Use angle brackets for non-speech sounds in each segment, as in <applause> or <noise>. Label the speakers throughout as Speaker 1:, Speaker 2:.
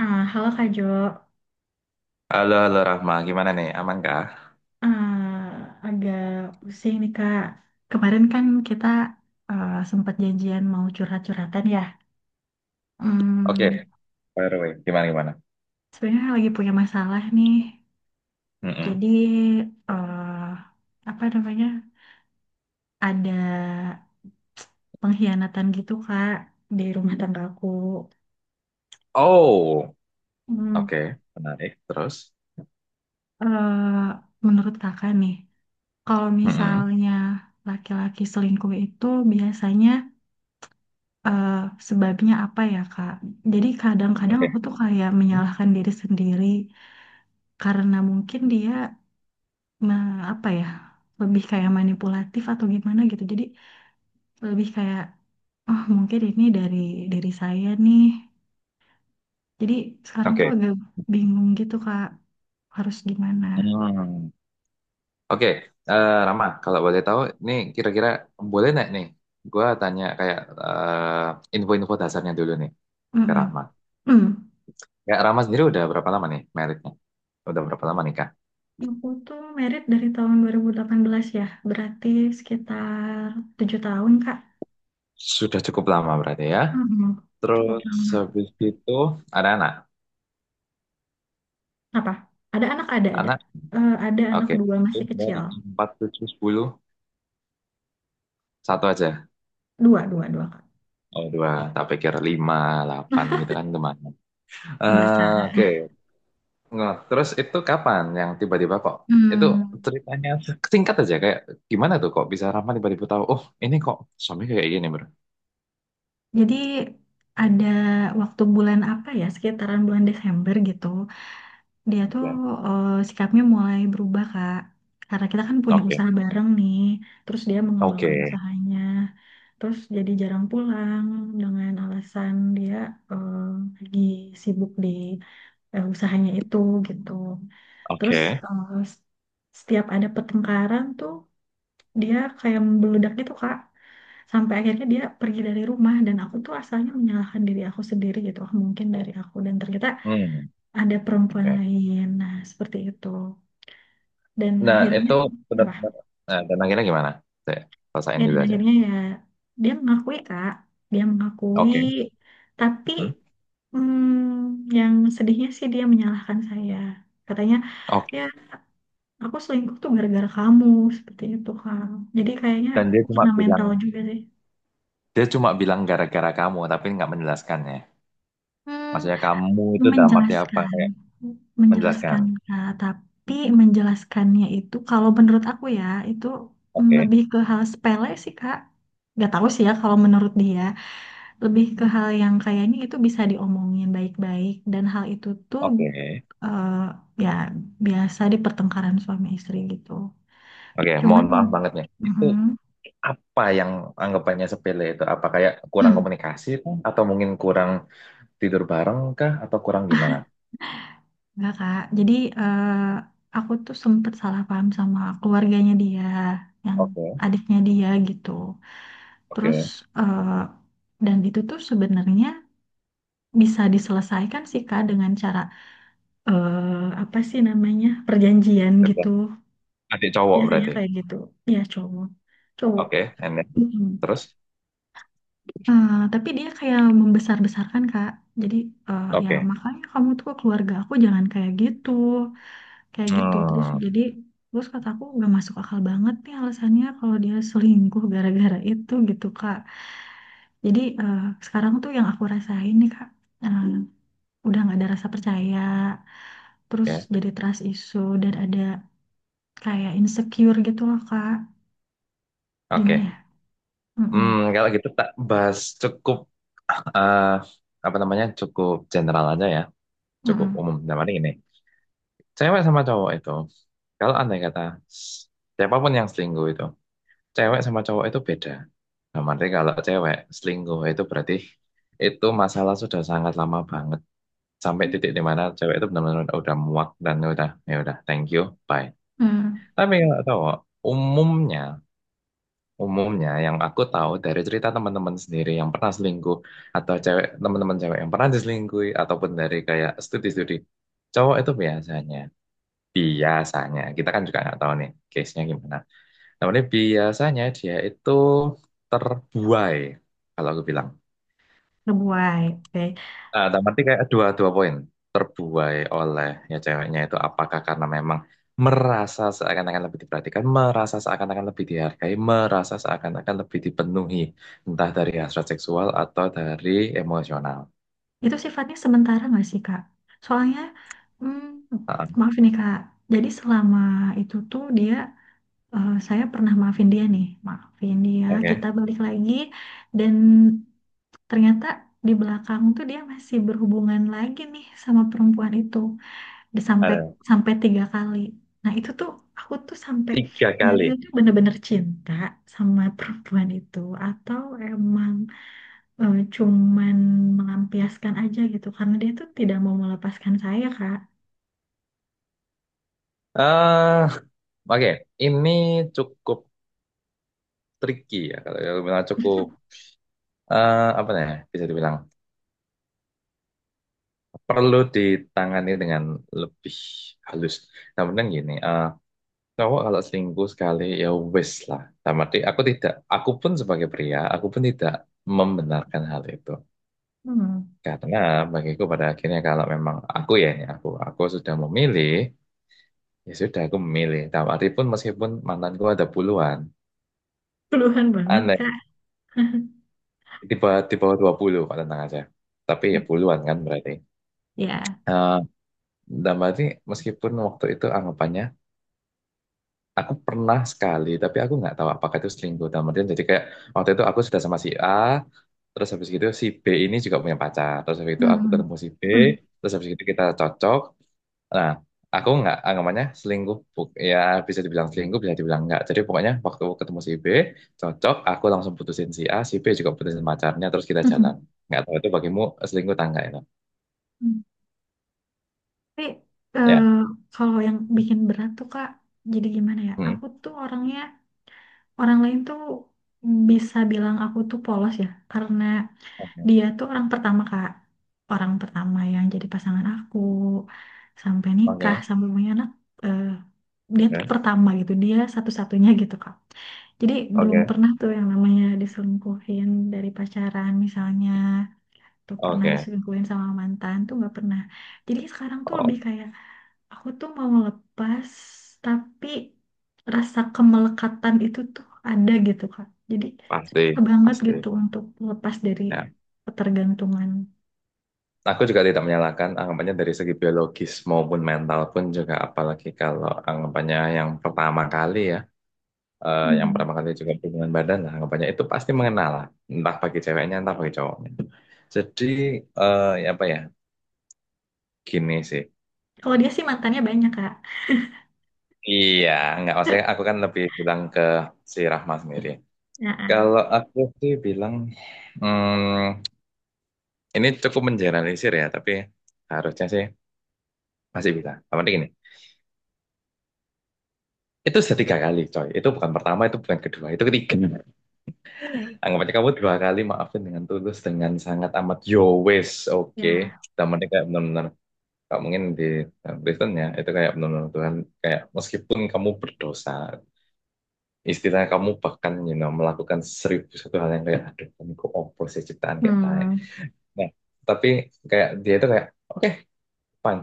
Speaker 1: Halo Kak Jo.
Speaker 2: Halo, halo Rahma, gimana nih? Aman kah?
Speaker 1: Ah, Agak pusing nih, Kak. Kemarin kan kita sempat janjian mau curhat-curhatan, ya. Hmm,
Speaker 2: Oke, by the way, gimana gimana?
Speaker 1: Sebenarnya lagi punya masalah nih.
Speaker 2: Mm-mm.
Speaker 1: Jadi, eh apa namanya? Ada pengkhianatan gitu, Kak, di rumah tangga aku.
Speaker 2: Oh,
Speaker 1: Hmm,
Speaker 2: oke, menarik. Terus,
Speaker 1: eh, Menurut Kakak nih, kalau
Speaker 2: mm-mm.
Speaker 1: misalnya laki-laki selingkuh itu biasanya, eh, sebabnya apa ya, Kak? Jadi kadang-kadang aku
Speaker 2: Oke,
Speaker 1: tuh kayak
Speaker 2: mm.
Speaker 1: menyalahkan diri sendiri karena mungkin dia apa ya, lebih kayak manipulatif atau gimana gitu. Jadi lebih kayak, oh, mungkin ini dari saya nih. Jadi sekarang tuh
Speaker 2: Oke,
Speaker 1: agak bingung gitu, Kak, harus gimana.
Speaker 2: hmm. Oke. Eh, Rahma, kalau boleh tahu, nih kira-kira boleh nggak nih? Gua tanya kayak info-info dasarnya dulu nih ke
Speaker 1: Mm-mm.
Speaker 2: Rahma.
Speaker 1: Hmm.
Speaker 2: Ya, Rahma sendiri udah berapa lama nih meritnya? Udah berapa lama nikah?
Speaker 1: Aku tuh merit dari tahun 2018, ya, berarti sekitar 7 tahun, Kak.
Speaker 2: Sudah cukup lama berarti ya.
Speaker 1: Mm-mm. Cukup
Speaker 2: Terus
Speaker 1: lama.
Speaker 2: habis itu ada anak.
Speaker 1: Apa? Ada anak, ada, ada.
Speaker 2: Anak
Speaker 1: Ada anak
Speaker 2: Oke.
Speaker 1: dua masih kecil.
Speaker 2: Dari 4, 7, 10. Satu aja.
Speaker 1: Dua, dua, dua, Kak.
Speaker 2: Oh, dua. Tak pikir 5, 8 gitu kan lumayan.
Speaker 1: Enggak salah.
Speaker 2: Oke. Nggak. Terus itu kapan yang tiba-tiba kok? Itu
Speaker 1: Hmm,
Speaker 2: ceritanya singkat aja. Kayak gimana tuh kok bisa Rama tiba-tiba tahu, oh ini kok suami kayak gini bro.
Speaker 1: jadi ada waktu bulan apa ya, sekitaran bulan Desember gitu, dia tuh,
Speaker 2: Oke.
Speaker 1: sikapnya mulai berubah, Kak. Karena kita kan punya
Speaker 2: Oke.
Speaker 1: usaha bareng nih, terus dia
Speaker 2: Oke.
Speaker 1: mengembangkan usahanya, terus jadi jarang pulang dengan alasan dia eh, lagi sibuk di usahanya itu, gitu. Terus,
Speaker 2: Oke.
Speaker 1: eh, s- setiap ada pertengkaran tuh dia kayak membeledak gitu, Kak. Sampai akhirnya dia pergi dari rumah dan aku tuh asalnya menyalahkan diri aku sendiri gitu. Mungkin dari aku, dan ternyata
Speaker 2: Hmm.
Speaker 1: ada perempuan
Speaker 2: Oke.
Speaker 1: lain. Nah, seperti itu. Dan
Speaker 2: Nah,
Speaker 1: akhirnya
Speaker 2: itu
Speaker 1: apa?
Speaker 2: benar-benar. Nah, dan akhirnya gimana? Saya
Speaker 1: Ya,
Speaker 2: rasain
Speaker 1: dan
Speaker 2: dulu aja.
Speaker 1: akhirnya, ya, dia mengakui, Kak. Dia mengakui,
Speaker 2: Oke.
Speaker 1: tapi
Speaker 2: Hmm.
Speaker 1: yang sedihnya sih dia menyalahkan saya. Katanya,
Speaker 2: Oke.
Speaker 1: ya, aku selingkuh tuh gara-gara kamu, seperti itu, Kak. Jadi kayaknya
Speaker 2: Dan dia
Speaker 1: aku
Speaker 2: cuma
Speaker 1: kena
Speaker 2: bilang
Speaker 1: mental juga sih.
Speaker 2: Dia cuma bilang gara-gara kamu, tapi nggak menjelaskannya.
Speaker 1: Hmm,
Speaker 2: Maksudnya kamu itu dalam arti apa?
Speaker 1: Menjelaskan,
Speaker 2: Kayak menjelaskan.
Speaker 1: menjelaskan, Kak, tapi menjelaskannya itu kalau menurut aku, ya, itu
Speaker 2: Oke,
Speaker 1: lebih ke hal sepele sih, Kak. Gak tahu sih, ya, kalau menurut dia lebih ke hal yang kayaknya itu bisa diomongin baik-baik, dan hal itu tuh,
Speaker 2: oke,
Speaker 1: eh, ya, biasa di pertengkaran suami istri gitu,
Speaker 2: oke.
Speaker 1: cuman
Speaker 2: Mohon maaf banget nih. Itu
Speaker 1: mhm.
Speaker 2: apa yang anggapannya sepele itu? Apa kayak kurang
Speaker 1: Hmm.
Speaker 2: komunikasi kah? Atau mungkin kurang tidur bareng kah? Atau kurang gimana?
Speaker 1: Enggak, Kak. Jadi, aku tuh sempet salah paham sama keluarganya dia, yang
Speaker 2: Oke,
Speaker 1: adiknya dia gitu. Terus,
Speaker 2: oke.
Speaker 1: eh, dan itu tuh sebenarnya bisa diselesaikan sih, Kak, dengan cara, apa sih namanya, perjanjian
Speaker 2: Oke.
Speaker 1: gitu.
Speaker 2: Adik cowok
Speaker 1: Biasanya
Speaker 2: berarti.
Speaker 1: kayak gitu. Ya, cowok, cowok.
Speaker 2: Oke, and then,
Speaker 1: Mm.
Speaker 2: terus?
Speaker 1: Tapi dia kayak membesar-besarkan, Kak. Jadi, ya,
Speaker 2: Oke.
Speaker 1: makanya kamu tuh ke keluarga aku jangan kayak gitu. Kayak gitu terus
Speaker 2: Hmm,
Speaker 1: jadi, terus kata aku nggak masuk akal banget nih alasannya, kalau dia selingkuh gara-gara itu, gitu, Kak. Jadi, sekarang tuh yang aku rasain nih, Kak, eh, udah nggak ada rasa percaya, terus
Speaker 2: oke,
Speaker 1: jadi trust issue, dan ada kayak insecure gitu loh, Kak. Gimana ya.
Speaker 2: oke. Hmm,
Speaker 1: Mm-mm.
Speaker 2: kalau gitu tak bahas cukup eh, apa namanya cukup general aja ya. Cukup
Speaker 1: Mm-mm.
Speaker 2: umum. Nah, paling ini, cewek sama cowok itu, kalau andai kata siapapun yang selingkuh itu, cewek sama cowok itu beda. Nah, berarti kalau cewek selingkuh itu berarti itu masalah sudah sangat lama banget. Sampai titik di mana cewek itu benar-benar udah muak dan udah, ya udah, thank you, bye.
Speaker 1: Mm.
Speaker 2: Tapi kalau cowok, umumnya, umumnya yang aku tahu dari cerita teman-teman sendiri yang pernah selingkuh, atau cewek teman-teman cewek yang pernah diselingkuhi, ataupun dari kayak studi-studi, cowok itu biasanya. Biasanya, kita kan juga nggak tahu nih case-nya gimana. Namanya biasanya dia itu terbuai, kalau aku bilang.
Speaker 1: Ngebuai, oke.
Speaker 2: Nah, dalam arti kayak dua poin. Terbuai oleh ya ceweknya itu apakah karena memang merasa seakan-akan lebih diperhatikan, merasa seakan-akan lebih dihargai, merasa seakan-akan lebih dipenuhi, entah dari hasrat seksual atau dari emosional.
Speaker 1: Itu sifatnya sementara nggak sih, Kak? Soalnya, mm,
Speaker 2: Ah,
Speaker 1: maaf nih, Kak, jadi selama itu tuh dia, saya pernah maafin dia nih, maafin dia,
Speaker 2: oke,
Speaker 1: kita balik lagi, dan ternyata di belakang tuh dia masih berhubungan lagi nih sama perempuan itu, Di- sampai
Speaker 2: ada
Speaker 1: sampai tiga kali. Nah, itu tuh aku tuh sampai
Speaker 2: tiga
Speaker 1: nyari
Speaker 2: kali.
Speaker 1: itu bener-bener cinta sama perempuan itu, atau emang cuman melampiaskan aja gitu, karena dia tuh tidak mau melepaskan saya, Kak.
Speaker 2: eh Oke, ini cukup tricky ya. Kalau aku bilang cukup apa namanya bisa dibilang perlu ditangani dengan lebih halus. Namun gini, cowok kalau selingkuh sekali ya wes lah. Sama arti aku tidak, aku pun sebagai pria, aku pun tidak membenarkan hal itu.
Speaker 1: Hmm,
Speaker 2: Karena bagiku pada akhirnya kalau memang aku ya, ini aku sudah memilih, ya sudah aku memilih. Dalam arti pun meskipun mantanku ada puluhan,
Speaker 1: Keluhan banget,
Speaker 2: aneh
Speaker 1: Kak. <laughs>
Speaker 2: di bawah 20 Pak tenang aja. Tapi ya puluhan kan berarti.
Speaker 1: Ya.
Speaker 2: Eh, dan berarti meskipun waktu itu anggapannya aku pernah sekali tapi aku nggak tahu apakah itu selingkuh dalam artian jadi kayak waktu itu aku sudah sama si A terus habis gitu si B ini juga punya pacar terus habis itu aku
Speaker 1: Hmm.
Speaker 2: ketemu si B
Speaker 1: Hmm.
Speaker 2: terus habis itu kita cocok nah aku nggak anggapannya selingkuh ya bisa dibilang selingkuh bisa dibilang nggak jadi pokoknya waktu aku ketemu si B cocok aku langsung putusin si A si B juga putusin pacarnya terus kita jalan
Speaker 1: <laughs>
Speaker 2: nggak tahu itu bagimu selingkuh tangga itu
Speaker 1: Hmm. Tapi, eh,
Speaker 2: ya.
Speaker 1: kalau yang bikin berat tuh, Kak, jadi gimana ya?
Speaker 2: Hmm.
Speaker 1: Aku tuh orangnya, orang lain tuh bisa bilang aku tuh polos, ya, karena
Speaker 2: Oke,
Speaker 1: dia tuh orang pertama, Kak. Orang pertama yang jadi pasangan aku, sampai nikah,
Speaker 2: oke.
Speaker 1: sampai punya anak. eh, Dia tuh
Speaker 2: Ya.
Speaker 1: pertama gitu, dia satu-satunya gitu, Kak. Jadi belum
Speaker 2: Oke,
Speaker 1: pernah tuh yang namanya diselingkuhin dari pacaran misalnya, atau pernah
Speaker 2: oke.
Speaker 1: diselingkuhin sama mantan tuh nggak pernah. Jadi sekarang tuh lebih
Speaker 2: Oh,
Speaker 1: kayak, aku tuh mau lepas, tapi rasa kemelekatan itu tuh ada gitu, Kak. Jadi
Speaker 2: pasti,
Speaker 1: susah banget
Speaker 2: pasti
Speaker 1: gitu untuk lepas dari
Speaker 2: ya.
Speaker 1: ketergantungan.
Speaker 2: Aku juga tidak menyalahkan anggapannya dari segi biologis maupun mental pun juga apalagi kalau anggapannya yang pertama kali ya yang
Speaker 1: Hmm.
Speaker 2: pertama kali juga hubungan badan lah anggapannya itu pasti mengenal lah entah bagi ceweknya entah bagi cowoknya. Jadi ya apa ya gini sih.
Speaker 1: Kalau dia sih mantannya banyak, Kak.
Speaker 2: Iya nggak maksudnya
Speaker 1: <laughs>
Speaker 2: aku kan lebih bilang ke si Rahma sendiri.
Speaker 1: Ya,
Speaker 2: Kalau aku sih bilang hmm, ini cukup mengeneralisir ya tapi harusnya sih masih bisa. Tapi gini. Itu sudah 3 kali, coy. Itu bukan pertama, itu bukan kedua, itu ketiga. Anggap aja kamu 2 kali maafin dengan tulus, dengan sangat amat yo wes, oke.
Speaker 1: ya.
Speaker 2: Temennya kayak benar-benar, nggak mungkin di dalam Kristen ya, itu kayak benar-benar Tuhan, kayak meskipun kamu berdosa, istilahnya kamu bahkan you know, melakukan seribu satu hal yang kayak, aduh, ini kok opo sih ciptaan kayak tae.
Speaker 1: Hmm.
Speaker 2: Nah, tapi kayak dia itu kayak, oke, fine.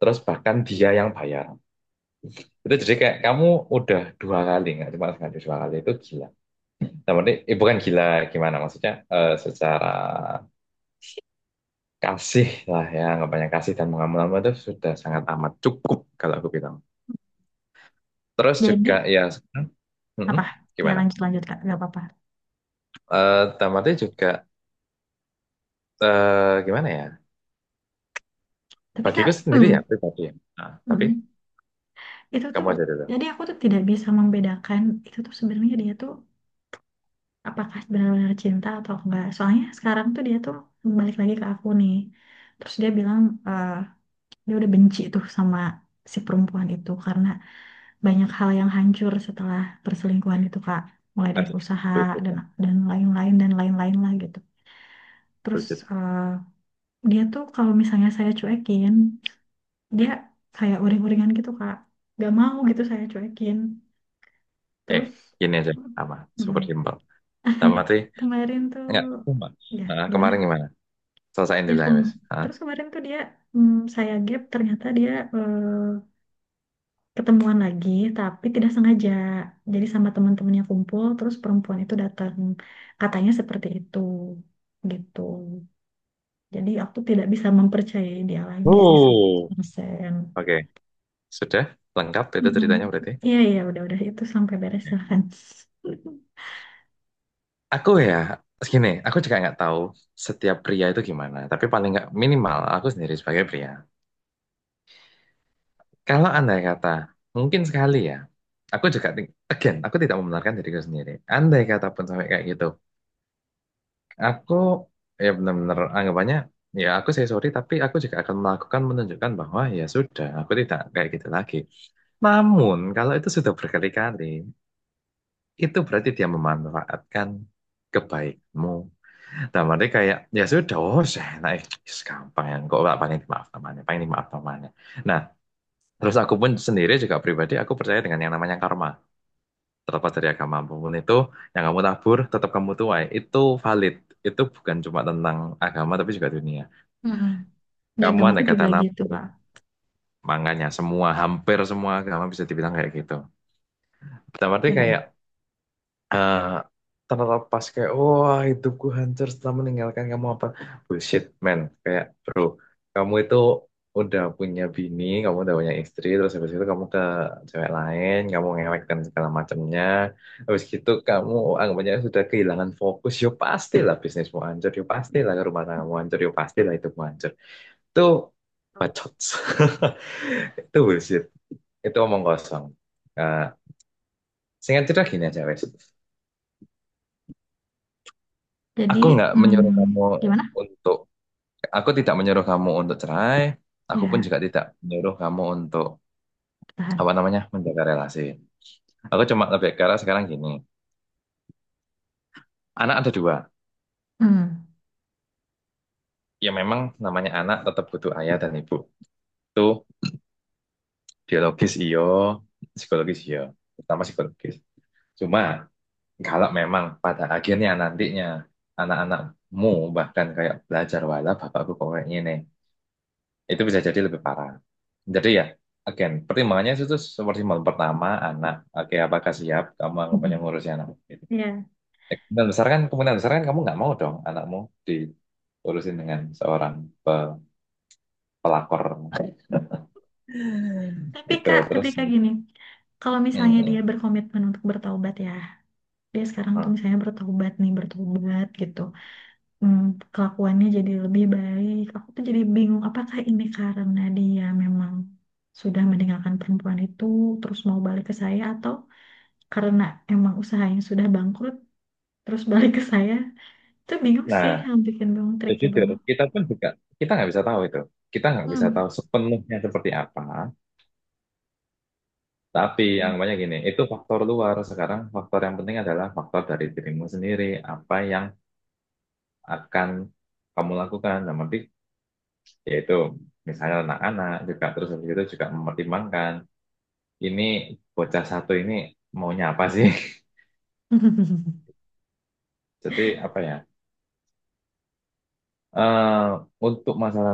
Speaker 2: Terus bahkan dia yang bayar. Itu jadi kayak kamu udah 2 kali, nggak cuma sekali 2 kali, itu gila. Nah, berarti bukan gila gimana maksudnya secara kasih lah ya anggapannya kasih dan mengamalkan itu sudah sangat amat cukup kalau aku bilang. Terus
Speaker 1: Jadi
Speaker 2: juga ya sekarang, mm-mm,
Speaker 1: apa? Ya,
Speaker 2: gimana?
Speaker 1: lanjut, lanjut, Kak. Gak apa-apa.
Speaker 2: Tamatnya juga gimana ya?
Speaker 1: Tapi,
Speaker 2: Bagiku
Speaker 1: Kak,
Speaker 2: sendiri ya
Speaker 1: hmm,
Speaker 2: pribadi ya. Nah, tapi
Speaker 1: hmm. Itu tuh,
Speaker 2: kamu aja dulu.
Speaker 1: jadi aku tuh tidak bisa membedakan, itu tuh sebenarnya dia tuh apakah benar-benar cinta atau enggak. Soalnya sekarang tuh dia tuh balik lagi ke aku nih. Terus dia bilang, eh, dia udah benci tuh sama si perempuan itu karena banyak hal yang hancur setelah perselingkuhan itu, Kak. Mulai
Speaker 2: Eh,
Speaker 1: dari usaha, dan
Speaker 2: bullshit,
Speaker 1: dan lain-lain, dan lain-lain lah, gitu. Terus,
Speaker 2: bullshit.
Speaker 1: eh, dia tuh kalau misalnya saya cuekin, dia kayak uring-uringan gitu, Kak. Gak mau gitu saya cuekin.
Speaker 2: Eh,
Speaker 1: Terus,
Speaker 2: Gini aja sama super
Speaker 1: mm,
Speaker 2: simpel. Tamatnya
Speaker 1: kemarin tuh,
Speaker 2: enggak cuma.
Speaker 1: ya,
Speaker 2: Nah,
Speaker 1: gimana?
Speaker 2: kemarin gimana? Selesain
Speaker 1: Ya,
Speaker 2: dulu ya, Mas. Hah?
Speaker 1: terus kemarin tuh dia, saya gap ternyata dia eh, ketemuan lagi, tapi tidak sengaja. Jadi sama teman-temannya kumpul, terus perempuan itu datang. Katanya seperti itu. Gitu. Jadi aku tidak bisa mempercayai dia lagi sih
Speaker 2: Uh.
Speaker 1: 100%.
Speaker 2: Oke, sudah lengkap itu
Speaker 1: Mm-mm.
Speaker 2: ceritanya berarti.
Speaker 1: Iya, iya, udah, itu sampai beres, silahkan. <laughs>
Speaker 2: Aku ya, gini, aku juga nggak tahu setiap pria itu gimana. Tapi paling nggak minimal aku sendiri sebagai pria. Kalau andai kata, mungkin sekali ya. Aku juga, again, aku tidak membenarkan diriku sendiri. Andai kata pun sampai kayak gitu. Aku, ya benar-benar anggapannya, ya saya sorry, tapi aku juga akan melakukan menunjukkan bahwa ya sudah, aku tidak kayak gitu lagi. Namun, kalau itu sudah berkali-kali, itu berarti dia memanfaatkan kebaikmu. Dalam arti kayak ya sudah oh enak gampang ya kok nggak paling dimaaf namanya paling dimaaf namanya nah terus aku pun sendiri juga pribadi aku percaya dengan yang namanya karma terlepas dari agama apapun itu yang kamu tabur tetap kamu tuai itu valid itu bukan cuma tentang agama tapi juga dunia
Speaker 1: Mm-mm. Di
Speaker 2: kamu
Speaker 1: agamaku
Speaker 2: ada kata
Speaker 1: juga gitu,
Speaker 2: nabur
Speaker 1: Pak.
Speaker 2: makanya hampir semua agama bisa dibilang kayak gitu dalam arti kayak
Speaker 1: Ya.
Speaker 2: eh terlepas kayak wah hidupku hancur setelah meninggalkan kamu apa bullshit man kayak bro kamu itu udah punya bini kamu udah punya istri terus habis itu kamu ke cewek lain kamu ngewek dan segala macamnya habis gitu kamu anggapannya sudah kehilangan fokus yo pastilah bisnismu hancur yo pastilah rumah tanggamu hancur yo pastilah hidupmu hancur itu bacot <laughs> itu bullshit itu omong kosong. Eh Singkat cerita gini aja wes.
Speaker 1: Jadi,
Speaker 2: Aku nggak menyuruh kamu
Speaker 1: mm, gimana?
Speaker 2: untuk, aku tidak menyuruh kamu untuk cerai. Aku pun
Speaker 1: Ya,
Speaker 2: juga tidak menyuruh kamu untuk
Speaker 1: tahan.
Speaker 2: apa namanya menjaga relasi. Aku cuma lebih ke arah sekarang gini. Anak ada dua.
Speaker 1: Mm.
Speaker 2: Ya memang namanya anak tetap butuh ayah dan ibu. Itu biologis iyo, psikologis iyo, terutama psikologis. Cuma kalau memang pada akhirnya nantinya anak-anakmu bahkan kayak belajar wala bapakku kok kayak gini. Itu bisa jadi lebih parah. Jadi ya, again, pertimbangannya itu seperti malam pertama, anak. Oke, apakah siap kamu
Speaker 1: Mm-mm.
Speaker 2: anggapannya ngurusin anak? Gitu.
Speaker 1: Iya.
Speaker 2: Kemungkinan besar kan kamu nggak mau dong anakmu diurusin dengan seorang pe- pelakor. <laughs>
Speaker 1: Tapi
Speaker 2: Gitu,
Speaker 1: Kak, tapi
Speaker 2: terus.
Speaker 1: Kak
Speaker 2: Mm,
Speaker 1: gini, kalau misalnya dia
Speaker 2: mm,
Speaker 1: berkomitmen untuk bertaubat, ya, dia sekarang tuh
Speaker 2: mm.
Speaker 1: misalnya bertaubat nih, bertobat gitu, hmm, kelakuannya jadi lebih baik. Aku tuh jadi bingung, apakah ini karena dia memang sudah meninggalkan perempuan itu, terus mau balik ke saya, atau karena emang usahanya sudah bangkrut, terus balik ke saya? Itu bingung
Speaker 2: Nah,
Speaker 1: sih, yang bikin bingung
Speaker 2: ya
Speaker 1: tricky
Speaker 2: jujur,
Speaker 1: banget.
Speaker 2: kita pun juga, kita nggak bisa tahu itu. Kita nggak bisa
Speaker 1: Hmm.
Speaker 2: tahu sepenuhnya seperti apa. Tapi yang banyak gini, itu faktor luar. Sekarang faktor yang penting adalah faktor dari dirimu sendiri. Apa yang akan kamu lakukan. Nah, nanti yaitu misalnya anak-anak juga terus habis itu juga mempertimbangkan ini bocah satu ini maunya apa sih?
Speaker 1: <laughs>
Speaker 2: <laughs> Jadi apa ya? Eh untuk masalah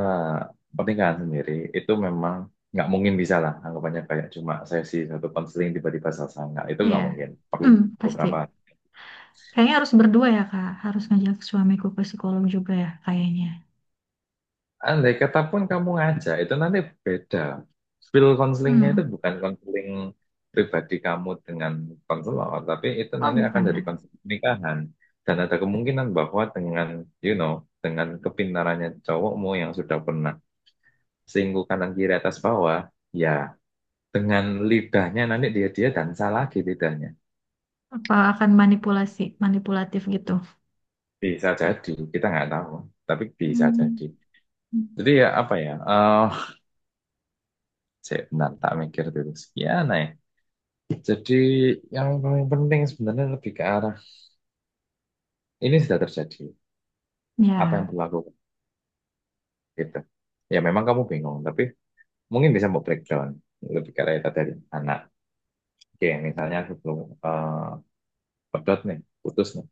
Speaker 2: pernikahan sendiri itu memang nggak mungkin bisa lah anggapannya kayak cuma sesi satu konseling tiba-tiba selesai nggak itu nggak
Speaker 1: Iya.
Speaker 2: mungkin perlu
Speaker 1: Hmm, pasti.
Speaker 2: beberapa.
Speaker 1: Kayaknya harus berdua ya, Kak. Harus ngajak suamiku ke psikolog juga ya, kayaknya.
Speaker 2: Andai kata pun kamu ngajak, itu nanti beda. Skill counselingnya itu
Speaker 1: Hmm.
Speaker 2: bukan counseling pribadi kamu dengan konselor, tapi itu
Speaker 1: Oh,
Speaker 2: nanti akan
Speaker 1: bukan ya.
Speaker 2: dari counseling pernikahan. Dan ada kemungkinan bahwa you know, dengan kepintarannya cowokmu yang sudah pernah singgung kanan kiri atas bawah, ya dengan lidahnya nanti dia dia dansa lagi lidahnya.
Speaker 1: Apa akan manipulasi, manipulatif gitu?
Speaker 2: Bisa jadi, kita nggak tahu, tapi bisa jadi.
Speaker 1: Hmm.
Speaker 2: Jadi ya apa ya? Saya bentar tak mikir dulu. Sekian ya. Jadi yang paling penting sebenarnya lebih ke arah ini sudah terjadi, apa yang
Speaker 1: Ya.
Speaker 2: berlaku gitu. Ya memang kamu bingung, tapi mungkin bisa mau breakdown lebih ke arah itu tadi anak. Oke, misalnya sebelum eh pedot nih, putus nih,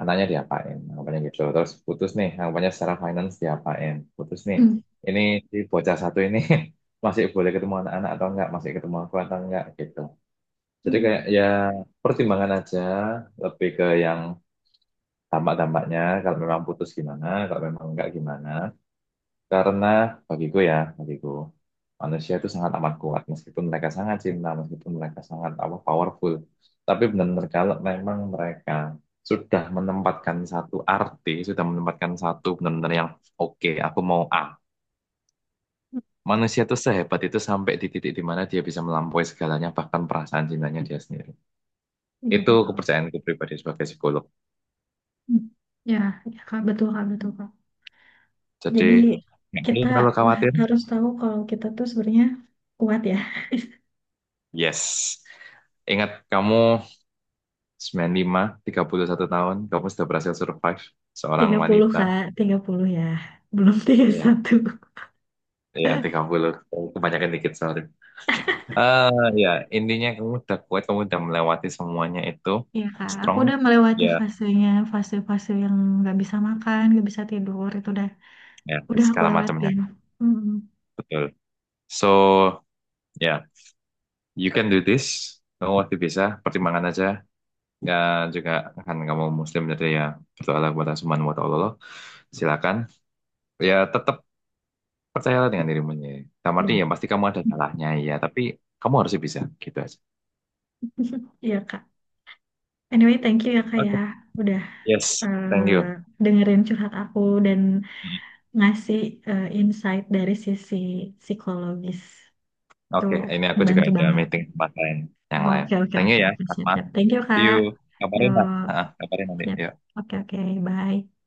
Speaker 2: anaknya diapain, anggapannya gitu. Terus putus nih, anggapannya secara finance diapain, putus nih.
Speaker 1: Hmm.
Speaker 2: Ini si bocah satu ini <laughs> masih boleh ketemu anak-anak atau enggak, masih ketemu aku atau enggak gitu. Jadi kayak
Speaker 1: Hmm.
Speaker 2: ya pertimbangan aja lebih ke yang tampak-tampaknya kalau memang putus gimana, kalau memang enggak gimana. Karena bagiku ya, bagiku manusia itu sangat amat kuat meskipun mereka sangat cinta, meskipun mereka sangat apa powerful. Tapi benar-benar kalau memang mereka sudah menempatkan satu arti, sudah menempatkan satu benar-benar yang oke, aku mau A. Manusia itu sehebat itu sampai di titik di mana dia bisa melampaui segalanya, bahkan perasaan cintanya dia sendiri.
Speaker 1: Iya,
Speaker 2: Itu
Speaker 1: betul.
Speaker 2: kepercayaanku pribadi sebagai psikolog.
Speaker 1: Hmm. Ya, ya, Kak, betul, Kak, betul, Kak.
Speaker 2: Jadi,
Speaker 1: Jadi
Speaker 2: nggak perlu
Speaker 1: kita
Speaker 2: terlalu khawatir.
Speaker 1: harus tahu kalau kita tuh sebenarnya kuat, ya.
Speaker 2: Yes. Ingat kamu 95 31 tahun, kamu sudah berhasil survive seorang
Speaker 1: 30,
Speaker 2: wanita.
Speaker 1: Kak. 30, ya. Belum tiga puluh
Speaker 2: Ya,
Speaker 1: satu.
Speaker 2: ya, tiga
Speaker 1: <laughs>
Speaker 2: puluh Kebanyakan dikit, sorry. Ya, intinya kamu udah kuat, kamu udah melewati semuanya itu.
Speaker 1: Iya, Kak. Aku
Speaker 2: Strong.
Speaker 1: udah melewati
Speaker 2: Ya,
Speaker 1: fasenya, fase-fase yang nggak bisa makan, nggak bisa tidur, itu udah
Speaker 2: ya,
Speaker 1: Udah aku
Speaker 2: segala macamnya.
Speaker 1: lewatin. Hmm,
Speaker 2: Betul. So, ya, you can do this. Kamu pasti bisa, pertimbangan aja. Ya, juga kan kamu muslim jadi ya berdoalah kepada Subhanahu wa ta'ala. Silakan. Ya, tetap percayalah dengan dirimu sendiri. Dalam arti
Speaker 1: iya.
Speaker 2: ya
Speaker 1: <laughs>
Speaker 2: pasti kamu ada salahnya ya, tapi kamu harus bisa gitu aja.
Speaker 1: Iya, Kak. Anyway, thank you ya, Kak, ya.
Speaker 2: Oke,
Speaker 1: Udah
Speaker 2: yes, thank
Speaker 1: eh,
Speaker 2: you.
Speaker 1: dengerin curhat aku, dan
Speaker 2: Hmm.
Speaker 1: ngasih insight dari sisi psikologis. Itu
Speaker 2: Oke, ini aku juga
Speaker 1: membantu
Speaker 2: ada
Speaker 1: banget.
Speaker 2: meeting tempat lain yang
Speaker 1: Oh,
Speaker 2: lain.
Speaker 1: oke, oke,
Speaker 2: Thank you
Speaker 1: oke,
Speaker 2: ya,
Speaker 1: oke. Siap,
Speaker 2: Mas.
Speaker 1: siap. Thank you,
Speaker 2: See you.
Speaker 1: Kak.
Speaker 2: Kabarin lah.
Speaker 1: Yuk,
Speaker 2: Ah, kabarin nanti.
Speaker 1: siap.
Speaker 2: Yuk.
Speaker 1: Oke, oke. Bye.